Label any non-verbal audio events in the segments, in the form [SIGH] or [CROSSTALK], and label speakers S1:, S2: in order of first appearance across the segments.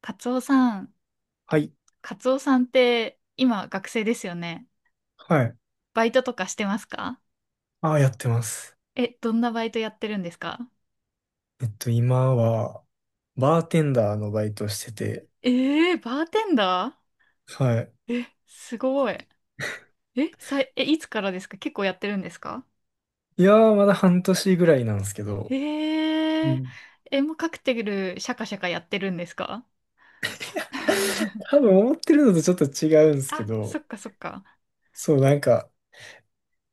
S1: カツオさん、
S2: はい。
S1: カツオさんって今学生ですよね。
S2: はい。
S1: バイトとかしてますか？
S2: ああ、やってます。
S1: え、どんなバイトやってるんですか？
S2: 今は、バーテンダーのバイトしてて、
S1: バーテンダ
S2: はい。
S1: ーえ、すごい。え、いつからですか？結構やってるんですか？
S2: いやー、まだ半年ぐらいなんですけど、
S1: え
S2: う
S1: ー、
S2: ん
S1: え、もうカクテルシャカシャカやってるんですか？
S2: [LAUGHS]。
S1: [LAUGHS]
S2: 多分思ってるのとちょっと違うんですけ
S1: あ、そ
S2: ど、
S1: っかそっか。
S2: そう、なんか、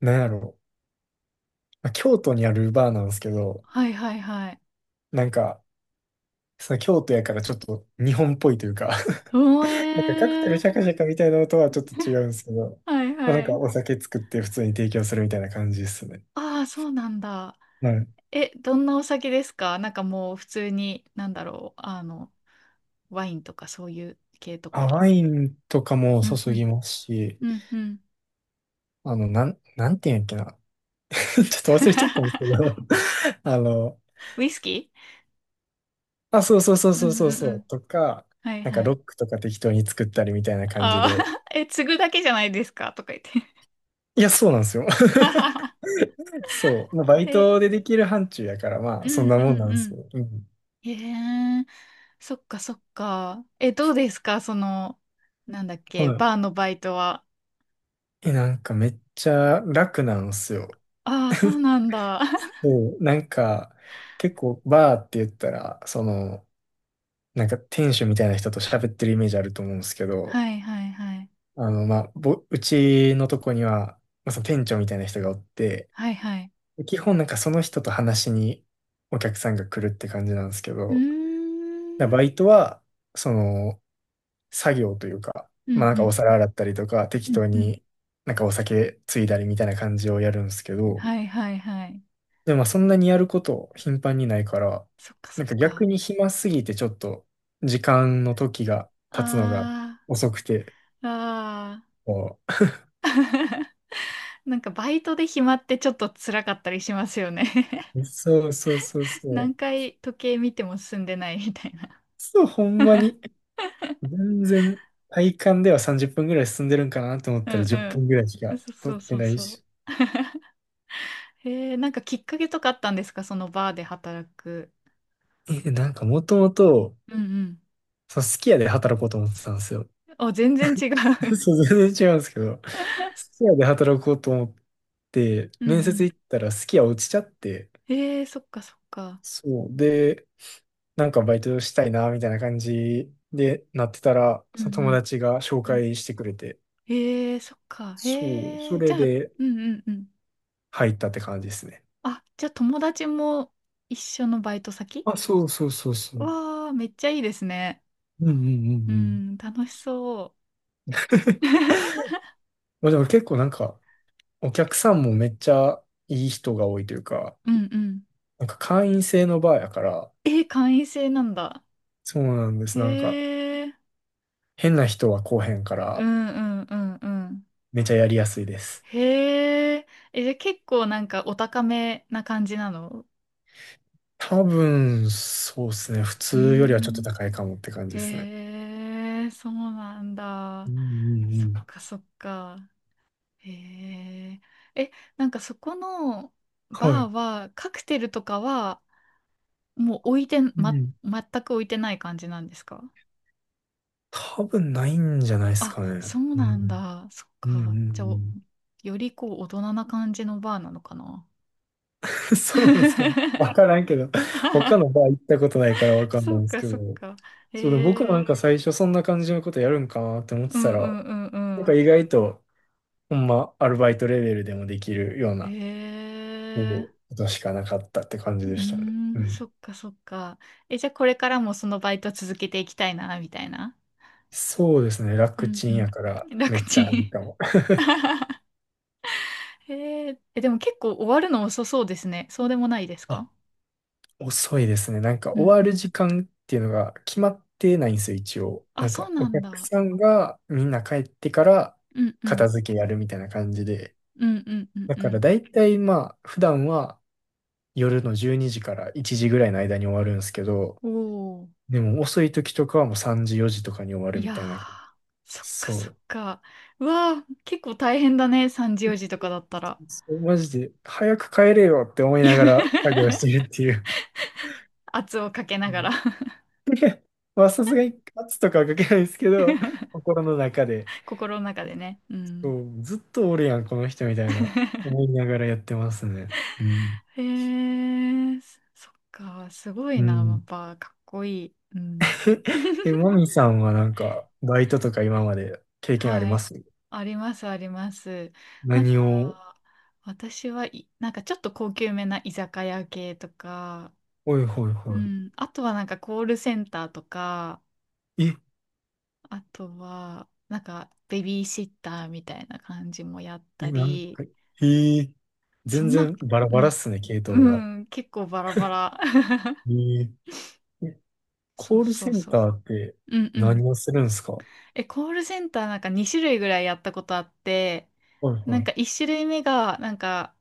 S2: なんやろう。まあ京都にあるバーなんですけど、
S1: はいはいはい。
S2: なんか、その京都やからちょっと日本っぽいというか
S1: おー
S2: [LAUGHS] なんかカクテ
S1: え
S2: ルシャ
S1: ー。
S2: カシャカみたいな音はちょっと違
S1: [LAUGHS]
S2: うんですけど、
S1: はい
S2: まあ、なん
S1: は
S2: か
S1: い。
S2: お酒作って普通に提供するみたいな感じですね。
S1: ああ、そうなんだ。え、どんなお酒ですか？なんかもう普通に、なんだろう、ワインとかそういう系と
S2: あ、
S1: か。
S2: ワインとかも
S1: うんう
S2: 注ぎ
S1: ん。
S2: ますし、
S1: うんうん。
S2: なんていうんやっけな。[LAUGHS] ちょっと忘れちゃったんですけ
S1: [LAUGHS]
S2: ど、[LAUGHS] あの、
S1: ウイスキー
S2: あ、そうそうそう
S1: う
S2: そう
S1: ん
S2: そう
S1: うんう
S2: そ
S1: ん。
S2: う、とか、
S1: はい
S2: なんか
S1: は
S2: ロ
S1: い。
S2: ックとか適当に作ったりみたいな感じ
S1: ああ、
S2: で。
S1: [LAUGHS] え、継ぐだけじゃないですかとか言って。
S2: いや、そうなんですよ。
S1: [LAUGHS]
S2: [LAUGHS] そう。まあ、バイト
S1: え、
S2: でできる範疇やから、まあ、
S1: う
S2: そ
S1: ん
S2: ん
S1: う
S2: なもんな
S1: ん
S2: んで
S1: う
S2: す
S1: ん。
S2: よ。うん。
S1: へえ、そっかそっか。え、どうですか、その、なんだっけ、バー
S2: は
S1: のバイトは。
S2: い。え、なんかめっちゃ楽なんですよ。
S1: ああ、そうなんだ。[LAUGHS]
S2: そう。なんか、結構バーって言ったら、その、なんか店主みたいな人と喋ってるイメージあると思うんですけど、
S1: はいはいはい。
S2: うちのとこには、まあ、その店長みたいな人がおって、
S1: はいはい。
S2: 基本なんかその人と話しにお客さんが来るって感じなんですけ
S1: うー
S2: ど、だ
S1: ん。
S2: バイトは、その、作業というか、
S1: う
S2: まあ、
S1: ん
S2: なん
S1: う
S2: かお
S1: ん。
S2: 皿洗ったりとか、適
S1: うん
S2: 当
S1: う
S2: になんかお酒ついだりみたいな感じをやるんですけ
S1: ん。
S2: ど、
S1: はいはいはい。
S2: でもまあそんなにやること頻繁にないから、
S1: そっか
S2: な
S1: そ
S2: ん
S1: っ
S2: か逆
S1: か。
S2: に暇すぎてちょっと時間の時が経つのが
S1: ああ。
S2: 遅くて、
S1: ああ、
S2: こ
S1: なんかバイトで暇ってちょっと辛かったりしますよね？
S2: うそうそうそう
S1: [LAUGHS]
S2: そう。
S1: 何回時計見ても進んでないみたいな。
S2: そう、ほんまに。全然、体感では30分ぐらい進んでるんかなと思っ
S1: う
S2: たら
S1: んう
S2: 10分ぐらいし
S1: ん。
S2: か
S1: そうそ
S2: 取っ
S1: う
S2: て
S1: そう
S2: ない
S1: そう。
S2: し。
S1: へえ、なんかきっかけとかあったんですか、そのバーで働く。
S2: え、なんかもともと、
S1: うんうん。
S2: そのすき家で働こうと思ってたんですよ。
S1: あ、全然違う
S2: [LAUGHS]
S1: [LAUGHS]
S2: そう、全然違うんですけど、すき家で働こうと思って、
S1: う
S2: 面
S1: ん
S2: 接
S1: う
S2: 行ったらすき家落ちちゃって、
S1: ん。へえ、そっかそっか。
S2: そう、で、なんかバイトしたいな、みたいな感じでなってたら、
S1: うん
S2: その
S1: う
S2: 友
S1: ん。
S2: 達が紹
S1: うん
S2: 介してくれて、
S1: へえ、そっか。
S2: そう、
S1: へ
S2: そ
S1: え、じ
S2: れ
S1: ゃあ、
S2: で
S1: うんうんうん。
S2: 入ったって感じですね。
S1: あ、じゃあ友達も一緒のバイト先？
S2: あ、そうそうそうそう。
S1: わあ、めっちゃいいですね。
S2: うんうんうん
S1: う
S2: うん。
S1: ん、楽しそう。
S2: [LAUGHS]
S1: [LAUGHS]
S2: まあでも結構なんか、お客さんもめっちゃいい人が多いというか、
S1: うんうん。
S2: なんか会員制のバーやから、
S1: え、会員制なんだ。
S2: そうなんです。なんか、
S1: へえ、
S2: 変な人は来おへんか
S1: う
S2: ら、
S1: んうんうんうん。
S2: めちゃやりやすいです。
S1: へえ、え、じゃあ結構なんかお高めな感じなの？
S2: 多分、そうですね。普
S1: うー
S2: 通よりはちょっと
S1: ん。
S2: 高いかもって感じですね。
S1: へえ、そうなん
S2: う
S1: だ。
S2: んう
S1: そっ
S2: んうん。
S1: かそっか。へえ。え、なんかそこの
S2: は
S1: バ
S2: い。
S1: ーはカクテルとかはもう置いて、
S2: う
S1: ま、
S2: ん。
S1: 全く置いてない感じなんですか？
S2: 多分ないんじゃないです
S1: あ、
S2: かね。
S1: そう
S2: う
S1: なん
S2: ん。
S1: だ。そっ
S2: うんう
S1: か。
S2: んう
S1: じゃあ、お
S2: ん。
S1: よりこう、大人な感じのバーなのかな。
S2: [LAUGHS] そうなんですか。わ
S1: [LAUGHS]
S2: からんけど、他のバー行ったことないからわかんな
S1: そ
S2: い
S1: っ
S2: んです
S1: か、
S2: けど、
S1: そっか。
S2: そう、でも僕も
S1: え
S2: なんか
S1: え
S2: 最初そんな感じのことやるんかなって思っ
S1: う
S2: てた
S1: んうん
S2: ら、
S1: うんう
S2: なんか
S1: ん。
S2: 意外と、ほんまアルバイトレベルでもできるような
S1: え
S2: こ
S1: え
S2: としかなかったって感じ
S1: う
S2: で
S1: ー
S2: したね。う
S1: ん、
S2: ん。
S1: そっか、そっか。え、じゃあ、これからもそのバイト続けていきたいな、みたいな。
S2: そうですね。
S1: う
S2: 楽
S1: ん
S2: ちんやから
S1: うん。
S2: めっ
S1: 楽
S2: ち
S1: ち
S2: ゃ
S1: ん。
S2: ありかも。
S1: [LAUGHS] ええ、でも結構終わるの遅そうですね。そうでもないです
S2: あ、
S1: か？
S2: 遅いですね。なんか
S1: う
S2: 終
S1: ん
S2: わ
S1: う
S2: る
S1: ん。
S2: 時間っていうのが決まってないんですよ、一応。
S1: あ、
S2: なん
S1: そう
S2: か
S1: な
S2: お
S1: ん
S2: 客
S1: だ。
S2: さんがみんな帰ってから
S1: うんうん。
S2: 片付けやるみたいな感じで。
S1: うんうんうん
S2: だ
S1: う
S2: から
S1: ん。
S2: 大体まあ、普段は夜の12時から1時ぐらいの間に終わるんですけど、
S1: おお
S2: でも遅い時とかはもう3時、4時とかに終わる
S1: い
S2: み
S1: やー、
S2: たいな。
S1: そっか
S2: そ
S1: そっ
S2: う。
S1: か。うわー、結構大変だね、3時4時とかだったら。
S2: そうマジで、早く帰れよって思い
S1: い
S2: な
S1: や
S2: が
S1: [LAUGHS]
S2: ら作業してるっていう。
S1: 圧をかけな
S2: う
S1: がら
S2: ん [LAUGHS] まあ、さすがに圧とかはかけないですけど、心の中で、
S1: [LAUGHS] 心の中でね。う
S2: そ
S1: ん。
S2: うずっとおるやん、この人みたいな、思いながらやってますね。うん。
S1: へえ、そっか、すごい
S2: う
S1: な、や
S2: ん。
S1: っぱかっこいい。うん。
S2: [LAUGHS] え、マミさんはなんか、バイトとか今まで経験あり
S1: は
S2: ま
S1: い。
S2: す？
S1: あります、あります。なん
S2: 何を、
S1: か、私はい、なんかちょっと高級めな居酒屋系とか、
S2: ほいほい
S1: う
S2: ほい。
S1: ん。あとはなんかコールセンターとか、
S2: え、
S1: あとは、なんか、ベビーシッターみたいな感じもやっ
S2: え、
S1: た
S2: なん
S1: り、
S2: か、へえ、
S1: そ
S2: 全
S1: んな、
S2: 然バラ
S1: う
S2: バラっ
S1: ん、
S2: すね、系統
S1: う
S2: が。
S1: ん、結構バラバラ。[LAUGHS]
S2: へえ、え
S1: そ
S2: コ
S1: う
S2: ール
S1: そ
S2: セ
S1: う
S2: ン
S1: そ
S2: タ
S1: う。
S2: ーって
S1: うんうん。
S2: 何をするんですか？は
S1: え、コールセンターなんか2種類ぐらいやったことあって、
S2: い
S1: な
S2: は
S1: ん
S2: い。
S1: か1種類目が、なんか、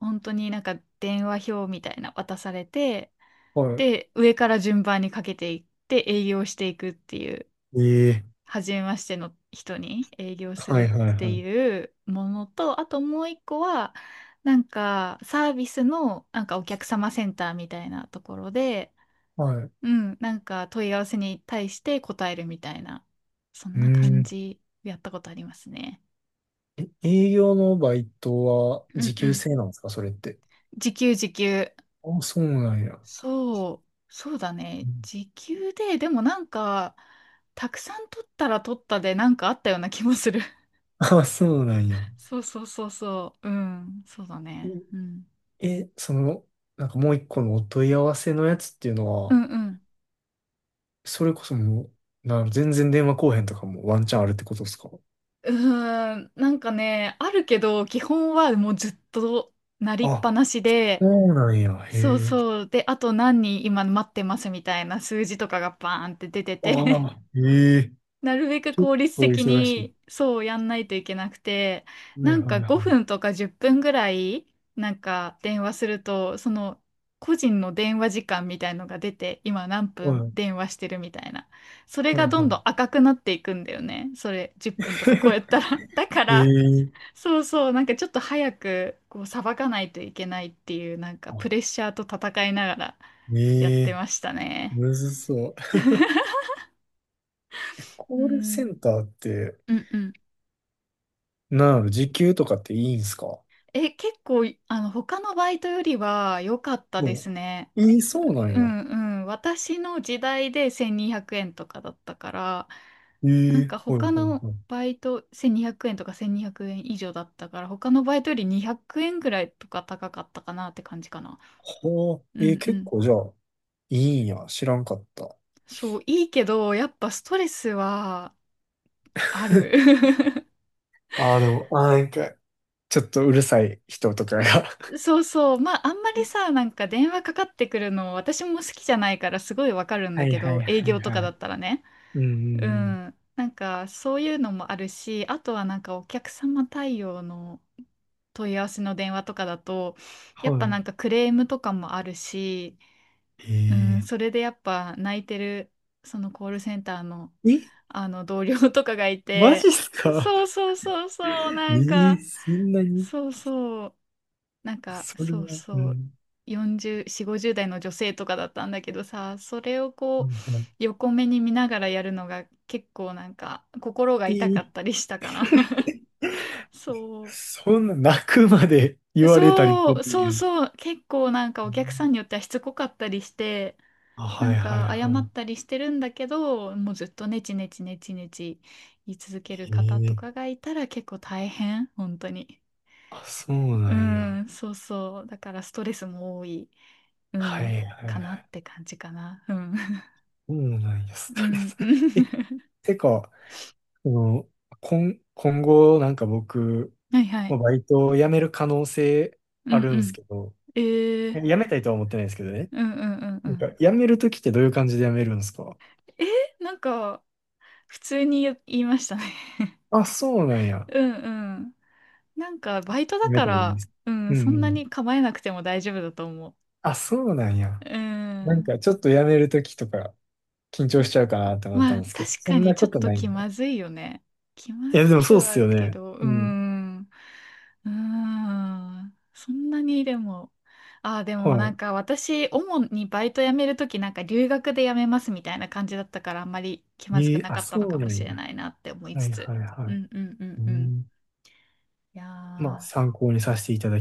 S1: 本当になんか電話表みたいな渡されて、
S2: はい。
S1: で、上から順番にかけていって営業していくっていう。
S2: ええ、
S1: 初めましての人に営業す
S2: は
S1: る
S2: い
S1: っ
S2: はいは
S1: て
S2: い。
S1: いうものと、あともう一個は、なんかサービスのなんかお客様センターみたいなところで、
S2: はい。う
S1: うん、なんか問い合わせに対して答えるみたいな、そん
S2: ー
S1: な感
S2: ん。
S1: じでやったことありますね。
S2: え、営業のバイトは
S1: うん
S2: 時
S1: う
S2: 給
S1: ん。
S2: 制なんですかそれって？
S1: 時給時給。
S2: あ、そうなんや。
S1: そう、そうだ
S2: う
S1: ね。
S2: ん
S1: 時給で、でもなんか、たくさん取ったら取ったでなんかあったような気もする。
S2: あ、そうなんや。
S1: そうそうそうそう。うん。そうだね。うん。
S2: え、えその、なんかもう一個のお問い合わせのやつっていうの
S1: う
S2: は、
S1: んうん。
S2: それこそもう、なる全然電話こうへんとかもワンチャンあるってことですか？
S1: うーん。なんかね、あるけど、基本はもうずっとなりっ
S2: あ、
S1: ぱなし
S2: そ
S1: で、
S2: うなんや、へ
S1: そう
S2: え。
S1: そう。で、あと何人今待ってますみたいな数字とかがバーンって出てて、
S2: ああ、へえ、
S1: なるべく
S2: 結
S1: 効率
S2: 構
S1: 的
S2: 忙しい。
S1: にそうやんないといけなくて、
S2: はい
S1: なん
S2: は
S1: か
S2: いは
S1: 5
S2: い。
S1: 分とか10分ぐらい、なんか電話すると、その個人の電話時間みたいのが出て、今何
S2: は
S1: 分
S2: い
S1: 電話してるみたいな。それ
S2: はい
S1: がどん
S2: は
S1: どん
S2: い。
S1: 赤くなっていくんだよね。それ10分とかこうやったら。[LAUGHS] だか
S2: [LAUGHS] え
S1: ら、
S2: え、
S1: そうそう、なんかちょっと早くこうさばかないといけないっていう、なんかプレ
S2: あ
S1: ッシャーと戦いながらやっ
S2: え
S1: て
S2: え、
S1: ましたね。
S2: むずそう。
S1: [LAUGHS]
S2: [LAUGHS]
S1: う
S2: コールセ
S1: ん。
S2: ンターって、
S1: うんうん。
S2: なんやろ、時給とかっていいんすか？
S1: え、結構、他のバイトよりは良かったで
S2: も
S1: すね。
S2: う、いいそうなん
S1: う
S2: や。
S1: んうん。私の時代で1200円とかだったから、
S2: え
S1: なん
S2: え、
S1: か
S2: はいはい
S1: 他の
S2: はい。
S1: バイト1200円とか1200円以上だったから、他のバイトより200円ぐらいとか高かったかなって感じかな。
S2: はあ、
S1: う
S2: ええ、
S1: んう
S2: 結
S1: ん。
S2: 構じゃあ、いいんや、知らんかった。
S1: そう、いいけど、やっぱストレスはある。
S2: [LAUGHS]
S1: [LAUGHS]
S2: ああ、でも、あーなんか、ちょっとうるさい人とかが
S1: そうそう。まあ、あんまりさ、なんか電話かかってくるの、私も好きじゃないからすごいわかる
S2: [LAUGHS]
S1: ん
S2: は
S1: だ
S2: い
S1: け
S2: はい
S1: ど、営
S2: はい
S1: 業とか
S2: は
S1: だ
S2: い。
S1: ったらね。
S2: うんう
S1: う
S2: んうん。
S1: ん。なんか、そういうのもあるし、あとはなんかお客様対応の問い合わせの電話とかだと、やっ
S2: は
S1: ぱなんかクレームとかもあるし、
S2: い。
S1: うん、
S2: え
S1: そ
S2: ー
S1: れでやっぱ泣いてる、そのコールセンターの、
S2: え、
S1: あの同僚とかがい
S2: マジっ
S1: て、
S2: すか？
S1: そうそうそう
S2: [LAUGHS] え
S1: そう、なんか、
S2: ー、そんなに
S1: そうそう。なんか
S2: それ
S1: そう
S2: は、う
S1: そう、
S2: ん。
S1: 40、4、50代の女性とかだったんだけどさ、それを
S2: う
S1: こう
S2: んは
S1: 横目に見ながらやるのが結構なんか心が
S2: い。え
S1: 痛か
S2: ー
S1: ったりしたかな。[LAUGHS] そ
S2: そんな泣くまで言
S1: う。
S2: われたりす
S1: そ
S2: る
S1: う、
S2: ん
S1: そう
S2: や。
S1: そう。結構なんか
S2: う
S1: お客さ
S2: ん
S1: んによってはしつこかったりして、
S2: あ、
S1: な
S2: はい
S1: ん
S2: はい
S1: か謝
S2: は
S1: っ
S2: い。
S1: たりしてるんだけど、もうずっとネチネチネチネチ言い続ける方
S2: え
S1: と
S2: え
S1: かがいたら結構大変、本当に。
S2: あ、そうな
S1: う
S2: んや。
S1: ん、そうそう。だからストレスも多い。う
S2: は
S1: ん。
S2: いは
S1: か
S2: い
S1: な
S2: は
S1: っ
S2: い。
S1: て感じかな。うん。
S2: そうなんや、ス
S1: う
S2: トレ
S1: ん。
S2: ス。
S1: うん
S2: [LAUGHS] え、
S1: [LAUGHS]
S2: てか、その、今、今後、なんか僕、
S1: はいは
S2: も
S1: い。
S2: うバイトを辞める可能性
S1: う
S2: あ
S1: ん
S2: る
S1: う
S2: んです
S1: ん。
S2: けど、
S1: えー、
S2: え辞めたいとは思ってないですけどね。
S1: うんうんうんう
S2: なんか、
S1: ん。
S2: 辞めるときってどういう感じで辞めるんですか？
S1: え、なんか、普通に言いましたね。
S2: あ、そうなん
S1: [LAUGHS]
S2: や。
S1: うんうん。なんか、バイト
S2: 辞
S1: だ
S2: め
S1: か
S2: たいで
S1: ら、
S2: す。
S1: う
S2: う
S1: ん、そ
S2: んう
S1: んな
S2: ん。
S1: に構えなくても大丈夫だと思
S2: あ、そうなんや。
S1: う。う
S2: なんか、
S1: ん。
S2: ちょっと辞めるときとか、緊張しちゃうかなって思った
S1: ま
S2: ん
S1: あ、
S2: ですけど、
S1: 確
S2: そ
S1: か
S2: ん
S1: に
S2: な
S1: ち
S2: こ
S1: ょっ
S2: と
S1: と
S2: ない
S1: 気
S2: んだ。
S1: まずいよね。気
S2: い
S1: ま
S2: や、で
S1: ず
S2: もそう
S1: く
S2: っ
S1: はあ
S2: すよ
S1: るけ
S2: ね。
S1: ど、うー
S2: うん。
S1: ん。うーん。そんなにでも。ああ、でもな
S2: は
S1: んか私、主にバイト辞めるときなんか留学で辞めますみたいな感じだったからあんまり気まず
S2: い。
S1: く
S2: えー
S1: な
S2: あ、
S1: かったの
S2: そ
S1: か
S2: う
S1: も
S2: な
S1: し
S2: ん
S1: れ
S2: や。
S1: ないなって思い
S2: は
S1: つ
S2: い
S1: つ。
S2: はい
S1: う
S2: は
S1: んうんう
S2: い。う
S1: んうん。
S2: ん。
S1: い
S2: まあ、
S1: や
S2: 参考にさせていただ